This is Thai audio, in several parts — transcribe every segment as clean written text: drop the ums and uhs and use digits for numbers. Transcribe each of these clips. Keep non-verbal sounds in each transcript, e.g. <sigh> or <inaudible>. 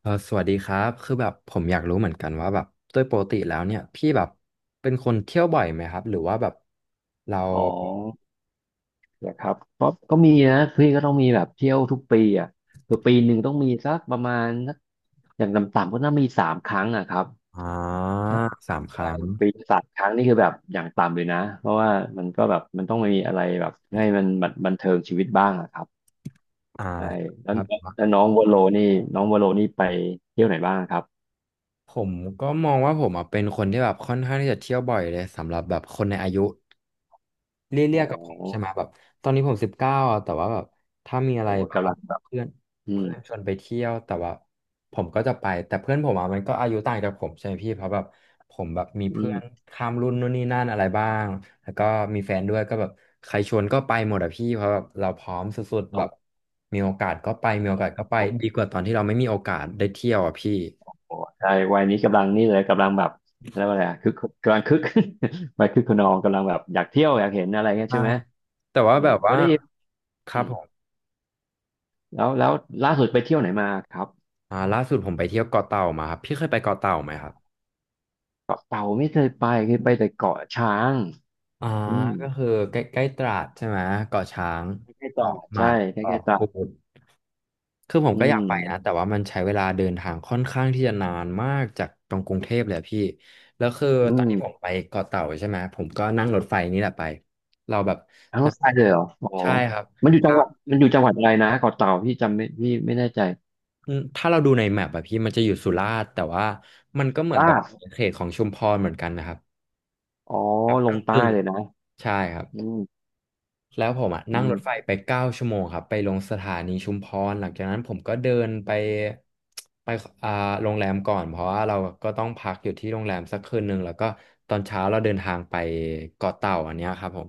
เออสวัสดีครับคือแบบผมอยากรู้เหมือนกันว่าแบบโดยปกติแล้วเนี่ยพี่แบบเป็นคนเที่ยวบ่อยไหมครับหรือว่าแบบเราอ๋อนะครับก็มีนะพี่ก็ต้องมีแบบเที่ยวทุกปีอ่ะคือปีหนึ่งต้องมีสักประมาณสักอย่างต่ำๆก็น่ามีสามครั้งอ่ะครับอ่าใช่สามคใช่รั้งปีละสามครั้งนี่คือแบบอย่างต่ำเลยนะเพราะว่ามันก็แบบมันต้องมีอะไรแบบให้มันบันเทิงชีวิตบ้างอ่ะครับอ่าใช่แล้ควรัแล้บวน้องวโลนี่ไปเที่ยวไหนบ้างครับผมก็มองว่าผมอะเป็นคนที่แบบค่อนข้างที่จะเที่ยวบ่อยเลยสำหรับแบบคนในอายุ เลี่อ๋ยอๆกับผมใช่ไหมแบบตอนนี้ผม19อ่ะแต่ว่าแบบถ้ามีอะโหไรแบบกำว่าลังแบบเพื่อนอืมเพื่อนชวนไปเที่ยวแต่ว่าผมก็จะไปแต่เพื่อนผมอ่ะมันก็อายุต่างจากผมใช่ไหมพี่เพราะแบบผมแบบมีอืเพื่อนมข้ามรุ่นนู่นนี่นั่นอะไรบ้างแล้วก็มีแฟนด้วยก็แบบใครชวนก็ไปหมดอะพี่เพราะแบบเราพร้อมสุดๆแบอบมีโอกาสก็ไปมีโอกาสก็ไป๋อ ดีกว่าตอนที่เราไม่มีโอกาสได้เที่ยวอะพี่โอ้ใช่วัยนี้กำลังนี่เลยกำลังแบบแล้วาอะไรอะคือกำลังคึก <laughs> วัยคึกขนองกำลังแบบอยากเที่ยวอยากเห็นอะไรเงี้ยใช่ใช่ไหมแต่ว่าอืแบมบก็ว่าได้คอืรับมผมแล้วล่าสุดไปเที่ยวไหนมาครับอ่าล่าสุดผมไปเที่ยวเกาะเต่ามาครับพี่เคยไปเกาะเต่าไหมครับ เกาะเต่าไม่เคยไปเคยไปแต่เกาะช้างอ่าอืมก็คือใกล้ใกล้ตราดใช่ไหมเกาะช้างใกล้ๆตราเกาะดหมาใช่กใกเกาะล้ๆตรากูดดคือผมอืก็อยากไปนะมแต่ว่ามันใช้เวลาเดินทางค่อนข้างที่จะนานมากจากตรงกรุงเทพเลยอะพี่แล้วคืออืตอนมที่ผมไปเกาะเต่าใช่ไหมผมก็นั่งรถไฟนี่แหละไปเราแบบทางรถไฟเลยเหรออ๋อใช่ครับถ้ามันอยู่จังหวัดอะไรนะเกาะเต่าพี่ไม่แน่ใจถ้าเราดูในแมปอะพี่มันจะอยู่สุราษฎร์แต่ว่ามันก็เหมือนแบลาบดเขตของชุมพรเหมือนกันนะครับอ๋อแบบลกงใต้ึ่งเลยนะๆใช่ครับ อืมแล้วผมอ่ะอืนั่งรถมไฟไปเก้าชั่วโมงครับไปลงสถานีชุมพรหลังจากนั้นผมก็เดินไปอ่าโรงแรมก่อนเพราะว่าเราก็ต้องพักอยู่ที่โรงแรมสักคืนหนึ่งแล้วก็ตอนเช้าเราเดินทางไปเกาะเต่าอันเนี้ยครับผม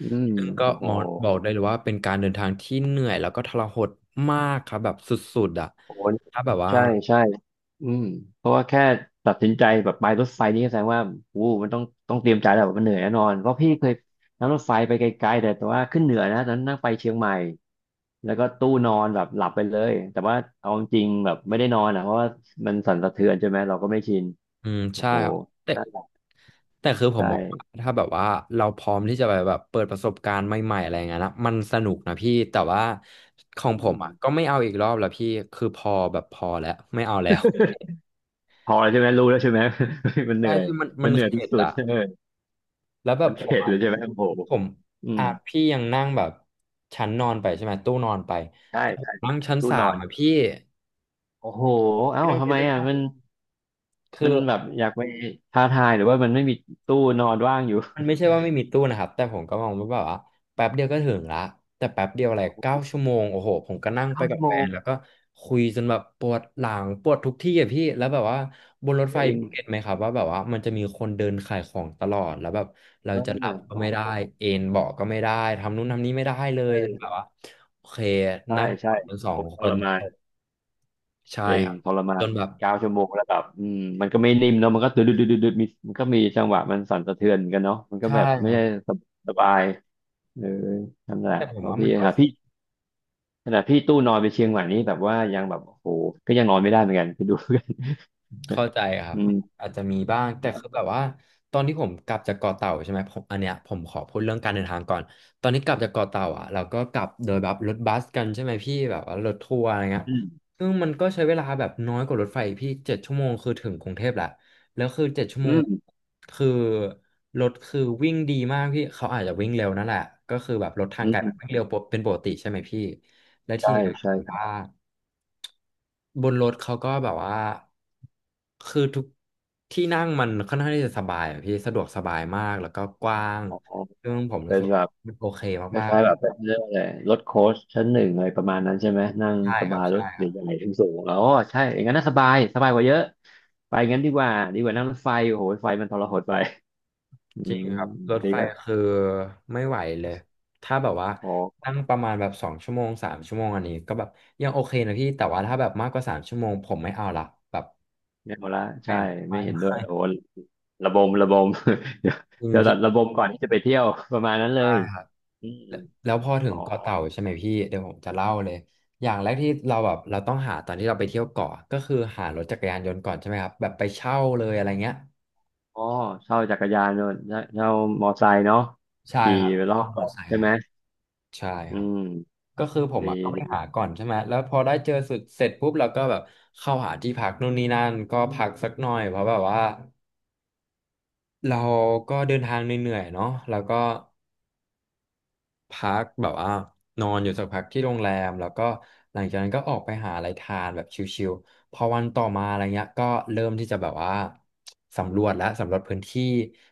อืมซึ่งก็โอ้โห มองบอกได้เลยว่าเป็นการเดินทางที่เหนื่อยแล้วก็ทรหดมากครับแบบสุดๆอ่ะโอ้โหถ้าแบบว่า ใช่ใช่อืมเพราะว่าแค่ตัดสินใจแบบไปรถไฟนี่ก็แสดงว่าอู้มันต้องเตรียมใจแล้ววบบมันเหนื่อยแน่นอนเพราะพี่เคยนั่งรถไฟไปไกลๆแต่ว่าขึ้นเหนือนะตอนนั้นนั่งไปเชียงใหม่แล้วก็ตู้นอนแบบหลับไปเลยแต่ว่าเอาจริงๆแบบไม่ได้นอนอ่ะเพราะว่ามันสั่นสะเทือนใช่ไหมเราก็ไม่ชินอืมโอ้ใช่โหครับแต่นั่นแหละแต่คือผมใช่มองว่าถ้าแบบว่าเราพร้อมที่จะไปแบบเปิดประสบการณ์ใหม่ๆอะไรเงี้ยนะมันสนุกนะพี่แต่ว่าของอืผมม อ่ะก็ไม่เอาอีกรอบแล้วพี่คือพอแบบพอแล้วไม่เอาแล้ว <laughs> พอแล้วใช่ไหมรู้แล้วใช่ไหม <laughs> มันเหใช่นื่อยพี่มันมัมันนเหนื่อยที่เข็ดสุดอะเออแล้วแบบมันผมเข็ดอะเลยใช่ไหมโอ้โหผมอืมอ่ะพี่ยังนั่งแบบชั้นนอนไปใช่ไหมตู้นอนไปใช่แต่ผมใช่นั่งชั้นตู้สานอมน อะพี่โอ้โหเอ้าพี่ต้องทำคิดไมสอ่ะภาพมันคืมัอ นแบบอยากไปท้าทาย หรือว่ามันไม่มีตู้นอนว่างอยู่มันไม่ใช่ว่าไม่มีตู้นะครับแต่ผมก็มองว่าแบบว่าแป๊บเดียวก็ถึงละแต่แป๊บเดียวอะไรโอ้โหเก้าชั่วโมงโอ้โหผมก็นั่งไปเก้ากัชั่บวโมแฟนงแล้วก็คุยจนแบบปวดหลังปวดทุกที่อะพี่แล้วแบบว่าบนรถจไฟริงพี่เห็นไหมครับว่าแบบว่ามันจะมีคนเดินขายของตลอดแล้วแบบเราเอจะหลัอบก็โอ้ไม่ได้โหเอนเบาะก็ไม่ได้ทำนู่นทำนี้ไม่ได้เลเอยจนอแบบว่าโอเคใช่นั่งกใช่อดกันสอโหงทคนรมาจนบใช่จริคงรับทรมาจนนแบบเก้าชั่วโมงแล้วแบบอืมมันก็ไม่นิ่มเนาะมันก็ดึดดึดดุดดดมีมันก็มีจังหวะมันสั่นสะเทือนเหมือนกันเนาะมันก็ใช่แบบคไม่รัใช่บสบสบายเออนั่นแหละแต่ผเพมราะว่ามันก็ พี่ขนาดพี่ตู้นอนไปเชียงใหม่นี่แบบว่ายังแบบโอ้โหก็ยังนอนไม่ได้เหมือนกันไปดู <laughs> กันเข้าใจครัอืบมอาจจะมีบ้างแต่คือแบบว่าตอนที่ผมกลับจากเกาะเต่าใช่ไหมผมอันเนี้ยผมขอพูดเรื่องการเดินทางก่อนตอนนี้กลับจากเกาะเต่าอ่ะเราก็กลับโดยแบบรถบัสกันใช่ไหมพี่แบบว่ารถทัวร์อะไรเงี้ยอืมซึ่งมันก็ใช้เวลาแบบน้อยกว่ารถไฟพี่เจ็ดชั่วโมงคือถึงกรุงเทพแหละแล้วคือเจ็ดชั่วอืโมงมคือรถคือวิ่งดีมากพี่เขาอาจจะวิ่งเร็วนั่นแหละก็คือแบบรถทางอืไกลมันวิ่งมเร็วเป็นปกติใช่ไหมพี่และทีใช่เนี้ยใช่ผมครับ ว่า บนรถเขาก็แบบว่าคือทุกที่นั่งมันค่อนข้างที่จะสบายอะพี่สะดวกสบายมากแล้วก็กว้างอ๋อซึ่งผมรู้เป็สึนกแบว่าบมันโอเคคมากล้ายๆแบบเป็นเรื่องอะไรรถโค้ชชั้นหนึ่งอะไรประมาณนั้นใช่ไหมนั่งๆใช่สครับาบยรถใช่ครับใหญ่ๆถึงสูงอ๋อใช่อย่างนั้นน่าสบายสบายกว่าเยอะไปงั้นดีกว่าดีกว่านั่งรถไฟโอ้โหไฟมันทรหดไปอืจริงมครับรถดีไฟก็คือไม่ไหวเลยถ้าแบบว่าพอนั่งประมาณแบบ2 ชั่วโมงสามชั่วโมงอันนี้ก็แบบยังโอเคนะพี่แต่ว่าถ้าแบบมากกว่าสามชั่วโมงผมไม่เอาละแบบไม่เอาละไม่ใช่ไม่ไม่ไมเห็นด้ว่ยโอ้ระบมระบม <laughs> เดี๋ยวจริงเดี๋ยวพี่ระบมก่อนที่จะไปเที่ยวประมาณนั้นใชเลย่ อืมแล้วพอถึอ๋องเกาะเต่าใช่ไหมพี่เดี๋ยวผมจะเล่าเลยอย่างแรกที่เราแบบเราต้องหาตอนที่เราไปเที่ยวเกาะก็คือหารถจักรยานยนต์ก่อนใช่ไหมครับแบบไปเช่าเลยอะไรเงี้ยอ๋อเช่าจักรยานเนอะเช่ามอไซค์เนาะใช่ขี่ครับไปรอเช่าบมอเตอเกาะร์ไซค์ใช่ครัไหบมใช่อืครับมก็คือผมดีอ่ะก็ไปดีหาก่อนใช่ไหมแล้วพอได้เจอสุดเสร็จปุ๊บเราก็แบบเข้าหาที่พักนู่นนี่นั่นก็พักสักหน่อยเพราะแบบว่าเราก็เดินทางเหนื่อยๆเนาะแล้วก็ พักแบบว่านอนอยู่สักพักที่โรงแรมแล้วก็หลังจากนั้นก็ออกไปหาอะไรทานแบบชิลๆพอวันต่อมาอะไรเงี้ยก็เริ่มที่จะแบบว่าสำรวจและสำรวจพื้นที่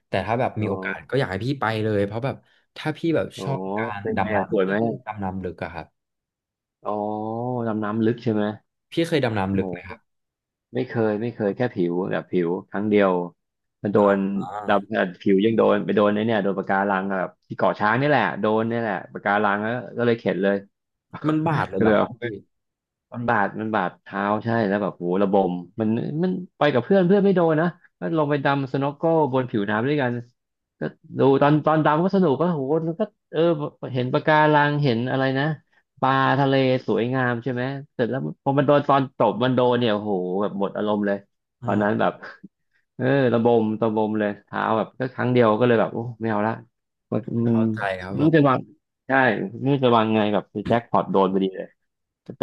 แต่ถ้าแบบอ๋มีอ โอกาสก็อยากให้พี่ไปเลยเพราะแบบถ้าพี่แบบอ๋ชออบการเป็นไงดำอะสวน้ำยเรื่ไหมองดำน้ำลึกอะครับอ๋อดำน้ำลึกใช่ไหมพี่เคยดำน้ำลึกไหมครับโหไม่เคยไม่เคยแค่ผิวครั้งเดียวมันโดอ่านอ่าดำขนาดผิวยังโดนโดนไอ้เนี่ยโดนปะการังอะแบบที่เกาะช้างนี่แหละโดนนี่แหละปะการังแล้วก็เลยเข็ดเลย มันบาดเล <laughs> ยก็เหรเลอยครัเอา บพี่มันบาดมันบาดเท้าใช่แล้วแบบโหระบมมันมันไปกับเพื่อนเพื่อนไม่โดนนะก็ลงไปดำสโนว์โก้บนผิวน้ำด้วยกันก็ดูตอนดำก็สนุกก็โหมันก็เออเห็นปะการังเห็นอะไรนะปลาทะเลสวยงามใช่ไหมเสร็จแล้วพอมันโดนตบมันโดนเนี่ยโอ้โหแบบหมดอารมณ์เลยตอนอ่านั้นแบบเออระบมระบมเลยเท้าแบบก็ครั้งเดียวก็เลยแบบโอ้ไม่เอาละมันมันเข้าใจครับผมันม จะวาง ใช่ไม่รู้จะวางไงแบบแจ็คพอตโดนพอดีเลย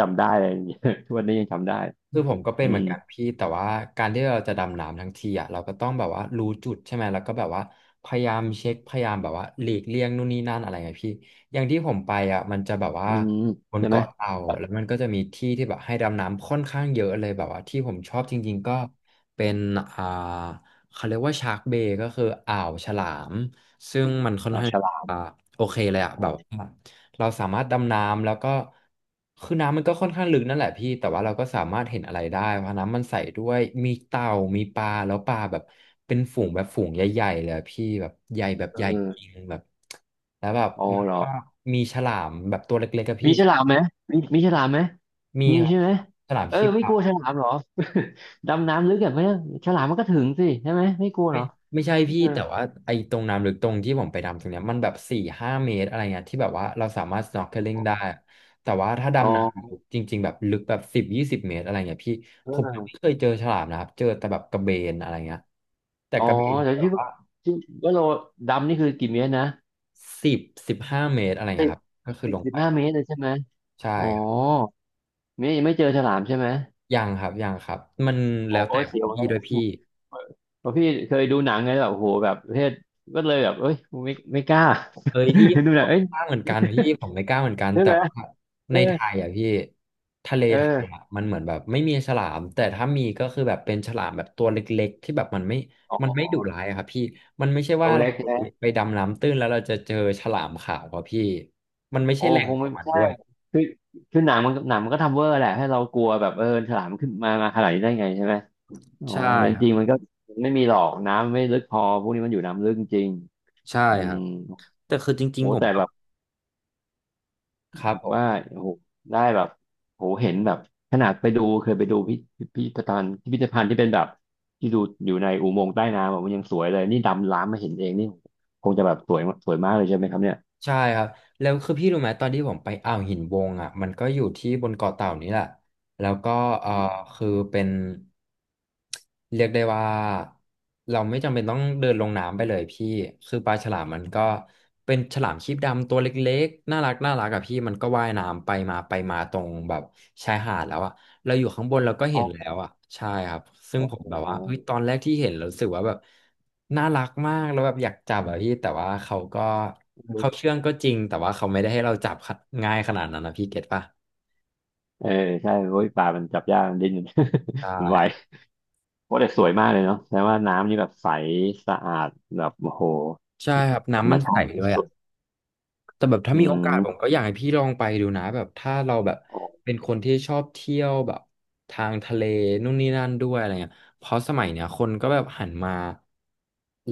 จำได้เลย <laughs> ทุกวันนี้ยังจำได้คือผมก็เป็นอืเหมือมนกันพี่แต่ว่าการที่เราจะดำน้ำทั้งทีอ่ะเราก็ต้องแบบว่ารู้จุดใช่ไหมแล้วก็แบบว่าพยายามเช็คพยายามแบบว่าหลีกเลี่ยงนู่นนี่นั่นอะไรไงพี่อย่างที่ผมไปอ่ะมันจะแบบว่าอืมบนใช่ไหมเกาะเต่าแล้วมันก็จะมีที่ที่แบบให้ดำน้ำค่อนข้างเยอะเลยแบบว่าที่ผมชอบจริงๆก็เป็นอ่าเขาเรียกว่าชาร์กเบย์ก็คืออ่าวฉลามซึ่งมันค่อนอ๋อข้างฉลาอ่ามโอเคเลยอ่ะอ๋แบอบว่า เราสามารถดำน้ำแล้วก็คือน้ำมันก็ค่อนข้างลึกนั่นแหละพี่แต่ว่าเราก็สามารถเห็นอะไรได้เพราะน้ำมันใสด้วยมีเต่ามีปลาแล้วปลาแบบเป็นฝูงแบบฝูงใหญ่ๆเลยอะพี่แบบใหญ่แบบเใหญ่จออริงแบบแล้วแบบโอ้มันเหรอ ก็มีฉลามแบบตัวเล็กๆกับมีพี่ฉลามไหมมีฉลามไหมมีมีครับใช่ไหมฉลามเอคอรีบไม่ขากลัว วฉลามเหรอ <laughs> ดำน้ำลึกแบบนี้ฉลามมันก็ถึงสิใช่ไหมไม่กลัวเหไม่รอไม่ใช่พี่เออแต่ว่าไอ้ตรงน้ำลึกตรงที่ผมไปดำตรงเนี้ยมันแบบ4-5 เมตรอะไรเงี้ยที่แบบว่าเราสามารถ snorkeling ได้อะแต่ว่าถ้าอ๋อดำน้ำลึกจริงๆแบบลึกแบบ10-20 เมตรอะไรเงี้ยพี่ผมยังไม่เออเคยเจอฉลามนะครับเจอแต่แบบกระเบนอะไรเงี้ยแต่อ๋อกระเบนก็แต่แบบว่าที่ว่าเราดำนี่คือกี่เมตรนะสิบ15 เมตรอะไรสิเงี้บยครับก็คือลงสิไปบห้าเมตรเลยใช่ไหมใช่อ๋อครับเมตรยังไม่เจอฉลามใช่ไหม ยังครับยังครับมันโอแล้ว้แต่เสียวพี่กันด้แล้ววยพี่ เพราะพี่เคยดูหนังไงแบบโอ้โหแบบประเภทก็เลยแบบเอ้ยกูไม่กล้า เฮ้ยพี่ <laughs> เห็นดูหผนังมเอ้ยกล้าเหมือนกันพี่ผมไม่กล้าเหมือนกันใช่แต่ไหมว่าเอในอไทยอ่ะพี่ทะเลเออไทยอ่ะมันเหมือนแบบไม่มีฉลามแต่ถ้ามีก็คือแบบเป็นฉลามแบบตัวเล็กๆที่แบบมันไม่อ๋มันไม่อดุร้ายอะครับพี่มันไม่ใช่ตัว่าวเราเล็กใช่ไหมไปดำน้ำตื้นแล้วเราจะเจอฉลามขาวครับพี่มันไม่โอ้ใช่แหล่คงงขอไม่งมันใช่ด้วยคือคือหนังมันก็ทำเวอร์แหละให้เรากลัวแบบเออฉลามขึ้นมาขนาดนี้ได้ไงใช่ไหมอ๋อใช่แต่จครัริงๆมับนก็ไม่มีหรอกน้ำไม่ลึกพอพวกนี้มันอยู่น้ำลึกจริงใช่อืครัมบแต่คือจริงโหๆผมแต่ก็แบบ ครับผว่ามโอ้โหได้แบบโอ้โหเห็นแบบขนาดไปดูเคยไปดูพิพิธภัณฑ์ที่เป็นแบบที่ดูอยู่ในอุโมงค์ใต้น้ำอะมันยังสวยเลยนี่ดำล้ำมาเห็นเองนี่คงจะแบบสวยสวยมากเลยใช่ไหมครับเนี่ยใช่ครับแล้วคือพี่รู้ไหมตอนที่ผมไปอ่าวหินวงอ่ะมันก็อยู่ที่บนเกาะเต่านี้แหละ แล้วก็เอ่อคือเป็นเรียกได้ว่าเราไม่จำเป็นต้องเดินลงน้ำไปเลยพี่คือปลาฉลามมันก็เป็นฉลามครีบดำตัวเล็กๆน่ารักน่ารักอะพี่มันก็ว่ายน้ำไปมาไปมาตรงแบบชายหาดแล้วอะเราอยู่ข้างบนเราก็เห็อ๋อนแล้วอะใช่ครับซึ่งโอ้ผมแบบว่าเฮ้ยโหตอนแรกที่เห็นเรารู้สึกว่าแบบน่ารักมากแล้วแบบอยากจับอะพี่แต่ว่าเขาก็เขาเชื่องก็จริงแต่ว่าเขาไม่ได้ให้เราจับง่ายขนาดนั้นนะพี่เก็ตปะเออใช่โอ้ยปลามันจับยากมันดิ้น ใช <laughs> มันไว่ โอ้แต่สวยมากเลยเนาะแต่ว่าน้ำนี่แบบใสสะอาดแบบโอ้โหใช่ครับธรน้ำรมมันใสชาติด้วยอ่ะสุดแต่แบบๆถ้าอืมีโอกามสผมก็อยากให้พี่ลองไปดูนะแบบถ้าเราแบบโอ้เป็นคนที่ชอบเที่ยวแบบทางทะเลนู่นนี่นั่นด้วยอะไรเงี้ยเพราะสมัยเนี้ยคนก็แบบหันมา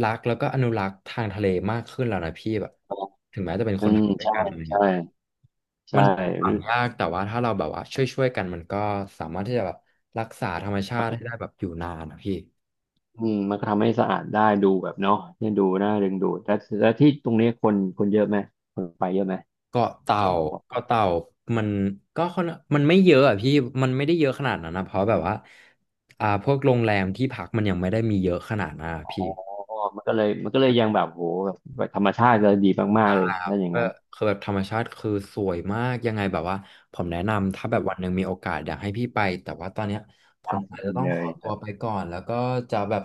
รักแล้วก็อนุรักษ์ทางทะเลมากขึ้นแล้วนะพี่แบบถึงแม้จะเป็นคอืนไทมยด้วยใช่กันอะไรใช่เงี้ยมัใช่ นฝังยากแต่ว่าถ้าเราแบบว่าช่วยๆกันมันก็สามารถที่จะแบบรักษาธรรมชาติให้ได้แบบอยู่นานนะพี่ อืมมันก็ทำให้สะอาดได้ดูแบบเนาะเนี่ยดูน่าดึงดูดแต่แต่ที่ตรงนี้คนเยอะไหมคนไปเยอะไหมเกาะเต่าบเกาะอกเต่ามันก็ค่อนไม่เยอะอ่ะพี่มันไม่ได้เยอะขนาดนั้นนะเพราะแบบว่าพวกโรงแรมที่พักมันยังไม่ได้มีเยอะขนาดนั้นอะอ๋อพี่มันก็เลยมันก็เลยยังแบบโหแบบธรรมชาติเลยดีมากๆเลยครับถ้าอย่างก็นั้นคือแบบธรรมชาติคือสวยมากยังไงแบบว่าผมแนะนำถ้าแบบวันหนึ่งมีโอกาสอยากให้พี่ไปแต่ว่าตอนเนี้ยผได้มอาจจะต้องเลขอยแบตัวบไปก่อนแล้วก็จะแบบ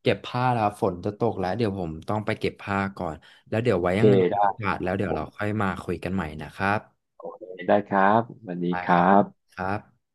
เก็บผ้าแล้วฝนจะตกแล้วเดี๋ยวผมต้องไปเก็บผ้าก่อนแล้วเดี๋ยวไว้โอยัเคงไงมีได้โอกาสแล้วเดี๋ยผวเรามค่อยมาคุยกันใหม่นะครับโอเคได้ครับสวัสดีได้คครับรับครับ